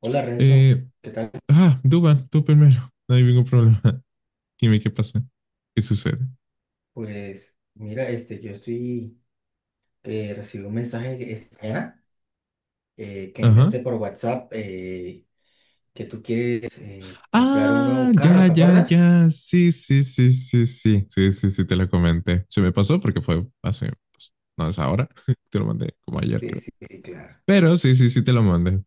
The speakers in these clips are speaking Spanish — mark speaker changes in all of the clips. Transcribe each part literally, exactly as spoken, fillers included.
Speaker 1: Hola Renzo,
Speaker 2: Eh,
Speaker 1: ¿qué tal?
Speaker 2: ah, Duban, tú primero. No hay ningún problema. Dime qué pasa. ¿Qué sucede?
Speaker 1: Pues mira, este, yo estoy, eh, recibí un mensaje esta mañana eh, que me
Speaker 2: Ajá.
Speaker 1: enviaste por WhatsApp eh, que tú quieres eh, comprar un
Speaker 2: Ah,
Speaker 1: nuevo carro,
Speaker 2: ya,
Speaker 1: ¿te
Speaker 2: ya,
Speaker 1: acuerdas?
Speaker 2: ya. Sí, sí, sí, sí, sí. Sí, sí, sí, te lo comenté. Se me pasó porque fue hace, pues, no es ahora. Te lo mandé como ayer,
Speaker 1: Sí,
Speaker 2: creo.
Speaker 1: sí, sí, claro.
Speaker 2: Pero sí, sí, sí, te lo mandé.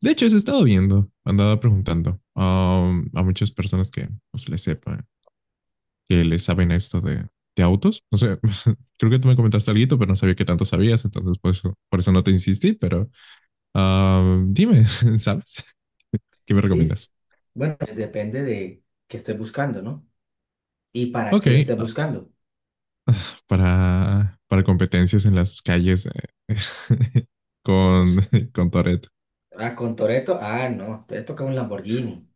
Speaker 2: De hecho, eso he estado viendo, andaba preguntando um, a muchas personas que pues, le sepan, que le saben esto de, de autos. No sé, creo que tú me comentaste algo, pero no sabía qué tanto sabías, entonces por eso, por eso no te insistí, pero ah, dime, ¿sabes? ¿Qué me
Speaker 1: Sí, s-
Speaker 2: recomiendas?
Speaker 1: bueno, depende de qué estés buscando, ¿no? ¿Y para
Speaker 2: Ok,
Speaker 1: qué lo estés
Speaker 2: ah,
Speaker 1: buscando?
Speaker 2: para, para competencias en las calles eh,
Speaker 1: Pues,
Speaker 2: con, con Toretto.
Speaker 1: ah, con Toretto, ah, no, te toca un Lamborghini.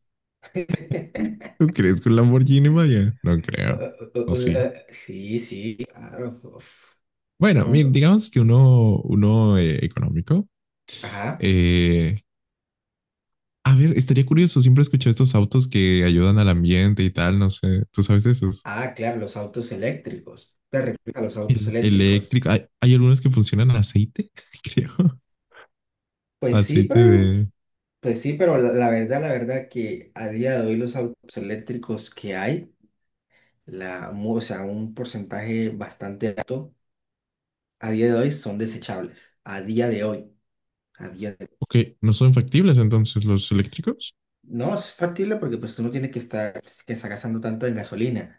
Speaker 2: ¿Tú crees que un Lamborghini vaya? No creo.
Speaker 1: Un-
Speaker 2: ¿O
Speaker 1: un-
Speaker 2: sí?
Speaker 1: un- sí, sí, claro. uf,
Speaker 2: Bueno, mira,
Speaker 1: un-
Speaker 2: digamos que uno, uno eh, económico.
Speaker 1: ajá.
Speaker 2: Eh, a ver, estaría curioso. Siempre escuché estos autos que ayudan al ambiente y tal. No sé, ¿tú sabes de esos?
Speaker 1: Ah, claro, los autos eléctricos. Te refieres a los autos
Speaker 2: El,
Speaker 1: eléctricos.
Speaker 2: eléctrico. Hay, hay algunos que funcionan a aceite, creo.
Speaker 1: Pues sí,
Speaker 2: Aceite
Speaker 1: pero,
Speaker 2: de,
Speaker 1: pues sí, pero la, la verdad, la verdad que a día de hoy los autos eléctricos que hay, la, mu- o sea, un porcentaje bastante alto, a día de hoy son desechables. A día de hoy, a día de
Speaker 2: ok, no son factibles entonces los eléctricos.
Speaker 1: No es factible porque pues tú no tienes que estar, que estar gastando tanto en gasolina,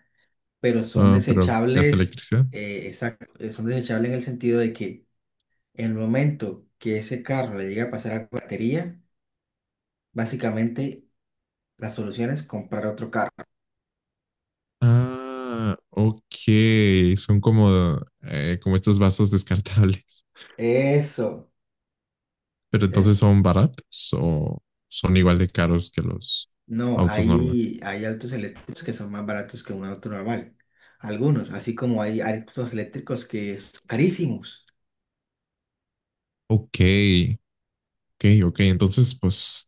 Speaker 1: pero son
Speaker 2: Ah, pero gasta
Speaker 1: desechables,
Speaker 2: electricidad.
Speaker 1: eh, exacto, eh, son desechables en el sentido de que en el momento que ese carro le llega a pasar a la batería, básicamente, la solución es comprar otro carro.
Speaker 2: Ah, ok, son como, eh, como estos vasos descartables,
Speaker 1: Eso.
Speaker 2: pero
Speaker 1: eh,
Speaker 2: entonces son baratos o son igual de caros que los
Speaker 1: No,
Speaker 2: autos normales.
Speaker 1: hay, hay autos eléctricos que son más baratos que un auto normal. Algunos, así como hay autos eléctricos que son carísimos.
Speaker 2: Ok, ok, ok, entonces pues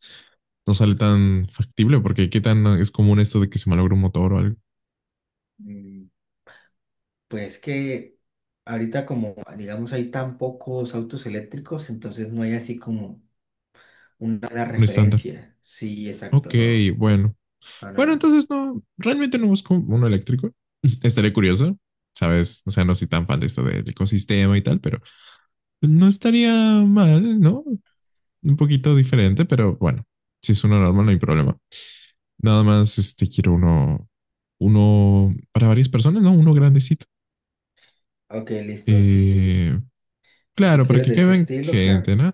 Speaker 2: no sale tan factible porque qué tan es común esto de que se malogre un motor o algo,
Speaker 1: Mm, pues que ahorita como, digamos, hay tan pocos autos eléctricos, entonces no hay así como una, buena
Speaker 2: un estándar.
Speaker 1: referencia. Sí, exacto,
Speaker 2: Ok,
Speaker 1: no.
Speaker 2: bueno.
Speaker 1: No, no,
Speaker 2: Bueno,
Speaker 1: no.
Speaker 2: entonces no, realmente no busco uno eléctrico. Estaré curioso, ¿sabes? O sea, no soy tan fan de esto del ecosistema y tal, pero no estaría mal, ¿no? Un poquito diferente, pero bueno, si es uno normal no hay problema. Nada más, este, quiero uno, uno para varias personas, ¿no? Uno grandecito.
Speaker 1: Ok, listo. Si,
Speaker 2: Eh,
Speaker 1: si tú
Speaker 2: claro, para
Speaker 1: quieres
Speaker 2: que
Speaker 1: de ese
Speaker 2: queden
Speaker 1: estilo, claro,
Speaker 2: gente, ¿no?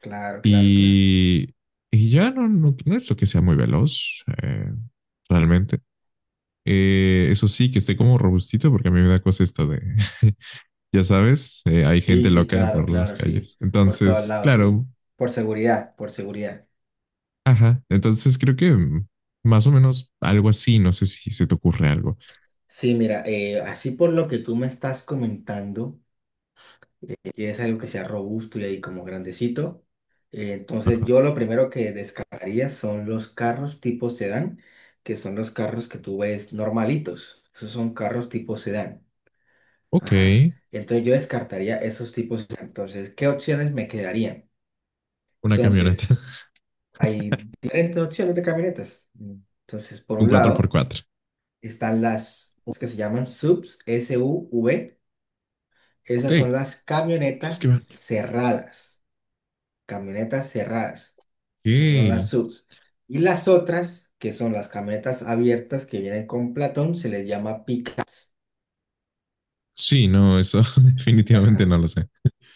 Speaker 1: claro, claro, claro.
Speaker 2: Y, y ya no, no, no es lo que sea muy veloz, eh, realmente. Eh, eso sí, que esté como robustito, porque a mí me da cosa esto de, ya sabes, eh, hay
Speaker 1: Sí,
Speaker 2: gente
Speaker 1: sí,
Speaker 2: loca
Speaker 1: claro,
Speaker 2: por las
Speaker 1: claro, sí.
Speaker 2: calles.
Speaker 1: Por todos
Speaker 2: Entonces,
Speaker 1: lados, sí.
Speaker 2: claro,
Speaker 1: Por seguridad, por seguridad.
Speaker 2: ajá. Entonces creo que mm, más o menos algo así, no sé si se te ocurre algo.
Speaker 1: Sí, mira, eh, así por lo que tú me estás comentando, quieres algo que sea robusto y ahí como grandecito. Eh, entonces,
Speaker 2: Ajá.
Speaker 1: yo lo primero que descartaría son los carros tipo sedán, que son los carros que tú ves normalitos. Esos son carros tipo sedán.
Speaker 2: Ok,
Speaker 1: Ajá. Entonces, yo descartaría esos tipos. Entonces, ¿qué opciones me quedarían?
Speaker 2: una camioneta,
Speaker 1: Entonces, hay diferentes opciones de camionetas. Entonces, por
Speaker 2: un
Speaker 1: un
Speaker 2: cuatro por
Speaker 1: lado.
Speaker 2: cuatro.
Speaker 1: Están las que se llaman S U Vs, S U V.
Speaker 2: Ok,
Speaker 1: Esas son
Speaker 2: eso
Speaker 1: las
Speaker 2: es que
Speaker 1: camionetas
Speaker 2: van.
Speaker 1: cerradas. Camionetas cerradas. Esas son las
Speaker 2: Ok.
Speaker 1: S U Vs. Y las otras, que son las camionetas abiertas que vienen con Platón, se les llama pickups.
Speaker 2: Sí, no, eso definitivamente
Speaker 1: Ajá,
Speaker 2: no lo sé.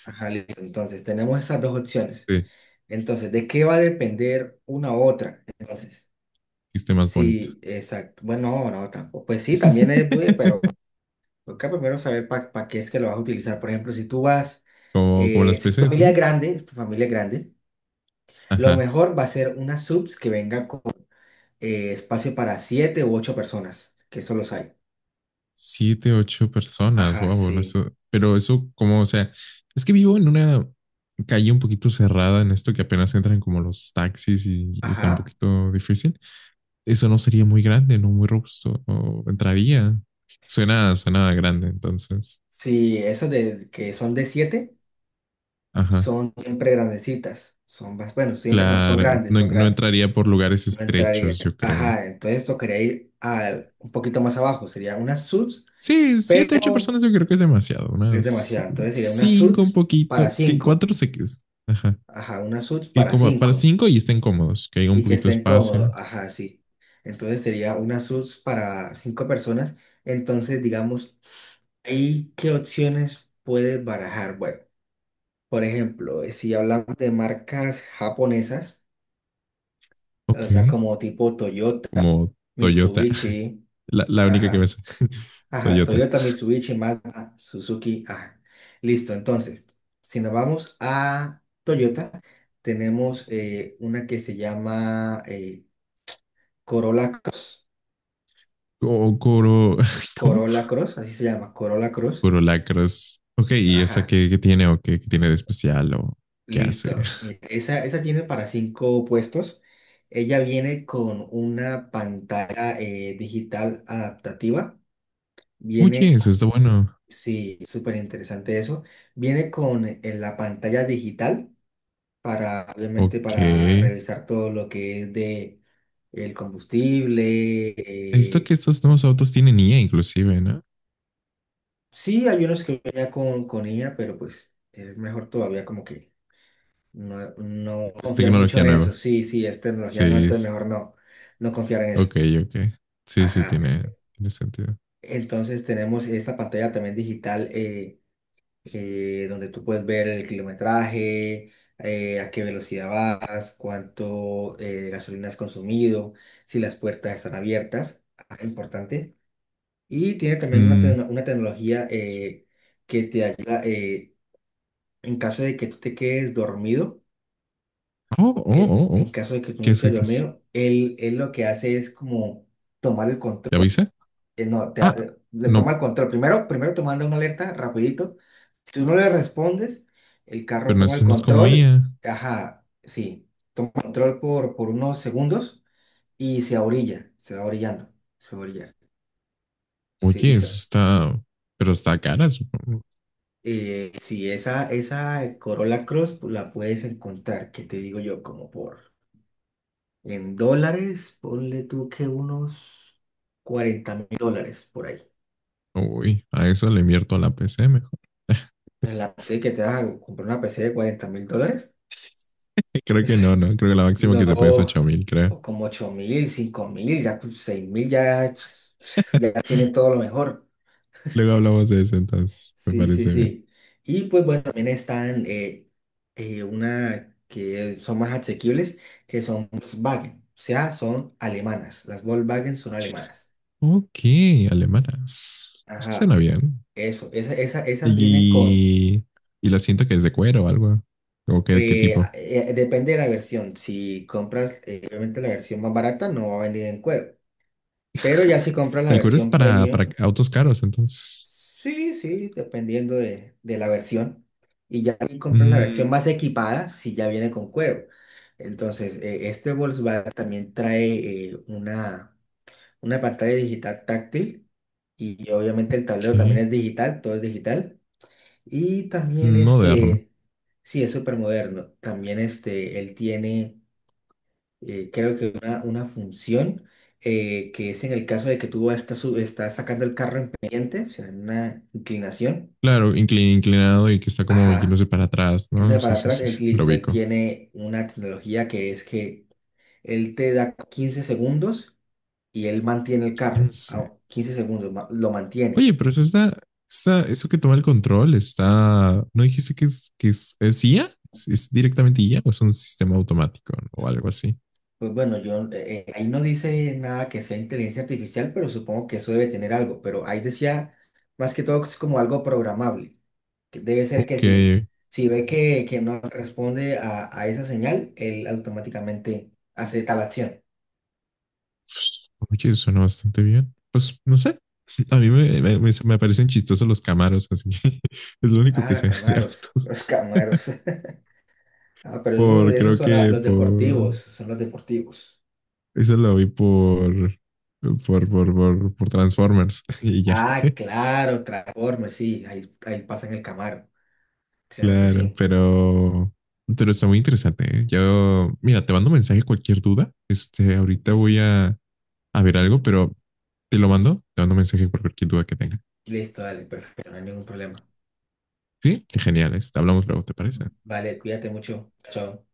Speaker 1: ajá, listo. Entonces, tenemos esas dos opciones.
Speaker 2: Sí,
Speaker 1: Entonces, ¿de qué va a depender una u otra? Entonces,
Speaker 2: dijiste más bonito.
Speaker 1: sí, exacto. Bueno, no, no, tampoco. Pues sí, también es, bu- pero toca primero saber para qué es que lo vas a utilizar. Por ejemplo, si tú vas,
Speaker 2: Como, como
Speaker 1: eh,
Speaker 2: las
Speaker 1: si tu
Speaker 2: P Cs,
Speaker 1: familia
Speaker 2: ¿no?
Speaker 1: es grande, si tu familia es grande, lo
Speaker 2: Ajá.
Speaker 1: mejor va a ser una subs que venga con eh, espacio para siete u ocho personas, que eso los hay.
Speaker 2: Siete, ocho personas,
Speaker 1: Ajá,
Speaker 2: wow, no sé,
Speaker 1: sí.
Speaker 2: pero eso como, o sea, es que vivo en una calle un poquito cerrada en esto que apenas entran como los taxis y, y está un
Speaker 1: Ajá.
Speaker 2: poquito difícil. Eso no sería muy grande, no muy robusto, o entraría. Suena, suena grande, entonces.
Speaker 1: Sí, esas de que son de siete
Speaker 2: Ajá,
Speaker 1: son siempre grandecitas. Son más, bueno, siempre no, son
Speaker 2: claro,
Speaker 1: grandes,
Speaker 2: no,
Speaker 1: son
Speaker 2: no
Speaker 1: grandes.
Speaker 2: entraría por lugares
Speaker 1: No entraría.
Speaker 2: estrechos, yo creo.
Speaker 1: Ajá, entonces tocaría ir al, un poquito más abajo. Sería una subs,
Speaker 2: Sí, siete, ocho
Speaker 1: pero
Speaker 2: personas yo creo que es demasiado,
Speaker 1: es
Speaker 2: unas
Speaker 1: demasiado. Entonces sería una
Speaker 2: cinco un
Speaker 1: subs para
Speaker 2: poquito, que en
Speaker 1: cinco.
Speaker 2: cuatro se... Ajá.
Speaker 1: Ajá, una suits
Speaker 2: Que
Speaker 1: para
Speaker 2: como para
Speaker 1: cinco
Speaker 2: cinco y estén cómodos, que haya un
Speaker 1: y que
Speaker 2: poquito de
Speaker 1: estén cómodos.
Speaker 2: espacio.
Speaker 1: Ajá, sí. Entonces sería una suits para cinco personas. Entonces, digamos, ¿ahí qué opciones puedes barajar? Bueno, por ejemplo, eh, si hablamos de marcas japonesas,
Speaker 2: Ok,
Speaker 1: o sea, como tipo Toyota,
Speaker 2: como Toyota,
Speaker 1: Mitsubishi,
Speaker 2: la, la única que me
Speaker 1: ajá,
Speaker 2: sé.
Speaker 1: ajá,
Speaker 2: Toyota.
Speaker 1: Toyota, Mitsubishi, Mazda, Suzuki, ajá. Listo, entonces, si nos vamos a Toyota, tenemos eh, una que se llama eh, Corolla Cross.
Speaker 2: O Coro, ¿cómo?
Speaker 1: Corolla Cross, así se llama, Corolla Cross.
Speaker 2: Corolacros. Ok, y esa
Speaker 1: Ajá,
Speaker 2: que, que tiene o que, que tiene de especial o qué hace.
Speaker 1: listo. Mira, esa, esa tiene para cinco puestos. Ella viene con una pantalla eh, digital adaptativa.
Speaker 2: Oye,
Speaker 1: Viene,
Speaker 2: eso
Speaker 1: co-
Speaker 2: está bueno.
Speaker 1: sí, súper interesante eso. Viene con eh, la pantalla digital para, obviamente,
Speaker 2: Ok.
Speaker 1: para
Speaker 2: He
Speaker 1: revisar todo lo que es de el combustible.
Speaker 2: visto que
Speaker 1: eh,
Speaker 2: estos nuevos autos tienen I A inclusive, ¿no?
Speaker 1: Sí, hay unos que vienen ya con, con, I A, pero pues es mejor todavía como que no, no
Speaker 2: Es
Speaker 1: confiar mucho
Speaker 2: tecnología
Speaker 1: en eso.
Speaker 2: nueva.
Speaker 1: Sí, sí, es tecnología, no,
Speaker 2: Sí,
Speaker 1: entonces
Speaker 2: es-
Speaker 1: mejor no, no confiar en eso.
Speaker 2: ok, ok. Sí, sí,
Speaker 1: Ajá.
Speaker 2: tiene, tiene sentido.
Speaker 1: Entonces tenemos esta pantalla también digital eh, eh, donde tú puedes ver el kilometraje, eh, a qué velocidad vas, cuánto eh, gasolina has consumido, si las puertas están abiertas. Ajá, importante. Y tiene también una,
Speaker 2: Mm.
Speaker 1: tecno- una tecnología eh, que te ayuda eh, en caso de que tú te quedes dormido,
Speaker 2: Oh, oh,
Speaker 1: que
Speaker 2: oh,
Speaker 1: en
Speaker 2: oh.
Speaker 1: caso de que tú
Speaker 2: ¿Qué
Speaker 1: no
Speaker 2: es? ¿Qué
Speaker 1: quedes
Speaker 2: es?
Speaker 1: dormido, él, él lo que hace es como tomar el control,
Speaker 2: ¿Ya avisa?
Speaker 1: eh, no, te, ha-
Speaker 2: Ah,
Speaker 1: le toma
Speaker 2: no,
Speaker 1: el control, primero, primero te manda una alerta rapidito, si tú no le respondes, el carro
Speaker 2: pero
Speaker 1: toma el
Speaker 2: eso no es como
Speaker 1: control,
Speaker 2: I A.
Speaker 1: ajá, sí, control por, por unos segundos y se orilla, se va orillando, se va a orillar, sí, y
Speaker 2: Oye, eso está, pero está cara, supongo.
Speaker 1: eh, sí, esa, esa Corolla Cross pues, la puedes encontrar, que te digo yo, como por. En dólares, ponle tú que unos cuarenta mil dólares por ahí.
Speaker 2: Uy, a eso le invierto a la P C mejor.
Speaker 1: En la P C que te vas a comprar una P C de cuarenta mil dólares.
Speaker 2: Creo que no, no. Creo que la máxima que se puede es
Speaker 1: No,
Speaker 2: ocho mil, creo.
Speaker 1: o como ocho mil, cinco mil, ya pues, seis mil, ya, es- pues, ya tiene todo lo mejor.
Speaker 2: Luego hablamos de eso entonces. Me
Speaker 1: Sí, sí,
Speaker 2: parece bien.
Speaker 1: sí. Y pues bueno, también están eh, eh, una que son más asequibles, que son Volkswagen. O sea, son alemanas. Las Volkswagen son alemanas.
Speaker 2: Ok, alemanas. Eso
Speaker 1: Ajá,
Speaker 2: suena
Speaker 1: e-
Speaker 2: bien.
Speaker 1: eso, esa, esa, esa viene con,
Speaker 2: Y, y la siento que es de cuero o algo. ¿O qué, qué
Speaker 1: eh, a-
Speaker 2: tipo?
Speaker 1: eh, depende de la versión, si compras eh, obviamente la versión más barata no va a venir en cuero, pero ya si compras la
Speaker 2: El cuero es
Speaker 1: versión
Speaker 2: para,
Speaker 1: premium,
Speaker 2: para autos caros, entonces.
Speaker 1: sí, sí, dependiendo de, de la versión, y ya si compras la versión
Speaker 2: Mm,
Speaker 1: más equipada, sí ya viene con cuero. Entonces, eh, este Volkswagen también trae eh, una, una pantalla digital táctil y y obviamente el tablero también
Speaker 2: ok.
Speaker 1: es digital, todo es digital. Y también
Speaker 2: Moderno.
Speaker 1: este, sí, es súper moderno. También este, él tiene, eh, creo que una, una función eh, que es en el caso de que tú estás, su- estás sacando el carro en pendiente, o sea, en una inclinación.
Speaker 2: Claro, inclin- inclinado y que está como
Speaker 1: Ajá.
Speaker 2: yéndose para atrás, ¿no?
Speaker 1: Entonces
Speaker 2: Sí,
Speaker 1: para
Speaker 2: sí,
Speaker 1: atrás,
Speaker 2: sí,
Speaker 1: él,
Speaker 2: sí, lo
Speaker 1: listo, él
Speaker 2: ubico.
Speaker 1: tiene una tecnología que es que él te da quince segundos y él mantiene el carro.
Speaker 2: Quince.
Speaker 1: A quince segundos, ma- lo mantiene.
Speaker 2: Oye, pero eso está, está, eso que toma el control está, ¿no dijiste que es, que es, es I A? ¿Es, es directamente I A o es un sistema automático, ¿no? o algo así?
Speaker 1: Pues bueno, yo eh, eh, ahí no dice nada que sea inteligencia artificial, pero supongo que eso debe tener algo. Pero ahí decía más que todo que es como algo programable. Que debe ser que
Speaker 2: Ok.
Speaker 1: si, si ve que, que no responde a, a esa señal, él automáticamente hace tal acción.
Speaker 2: Oye, suena bastante bien. Pues no sé. A mí me, me- me- me parecen chistosos los camaros, así que es lo único que
Speaker 1: Ah,
Speaker 2: sé de
Speaker 1: Camaros,
Speaker 2: autos.
Speaker 1: los Camaros. Ah, pero esos,
Speaker 2: Por,
Speaker 1: esos
Speaker 2: creo
Speaker 1: son la-
Speaker 2: que
Speaker 1: los
Speaker 2: por,
Speaker 1: deportivos, son los deportivos.
Speaker 2: eso lo vi por, por, por, por, por Transformers y ya.
Speaker 1: Ah, claro, Transformers, sí, ahí, ahí pasan el Camaro. Claro que
Speaker 2: Claro,
Speaker 1: sí.
Speaker 2: pero, pero está muy interesante, ¿eh? Yo, mira, te mando mensaje cualquier duda. Este, ahorita voy a, a ver algo, pero te lo mando, te mando mensaje por cualquier duda que tenga.
Speaker 1: Listo, dale, perfecto, no hay ningún problema.
Speaker 2: Sí, qué genial, este, hablamos luego, ¿te parece?
Speaker 1: Vale, cuídate mucho. Chao.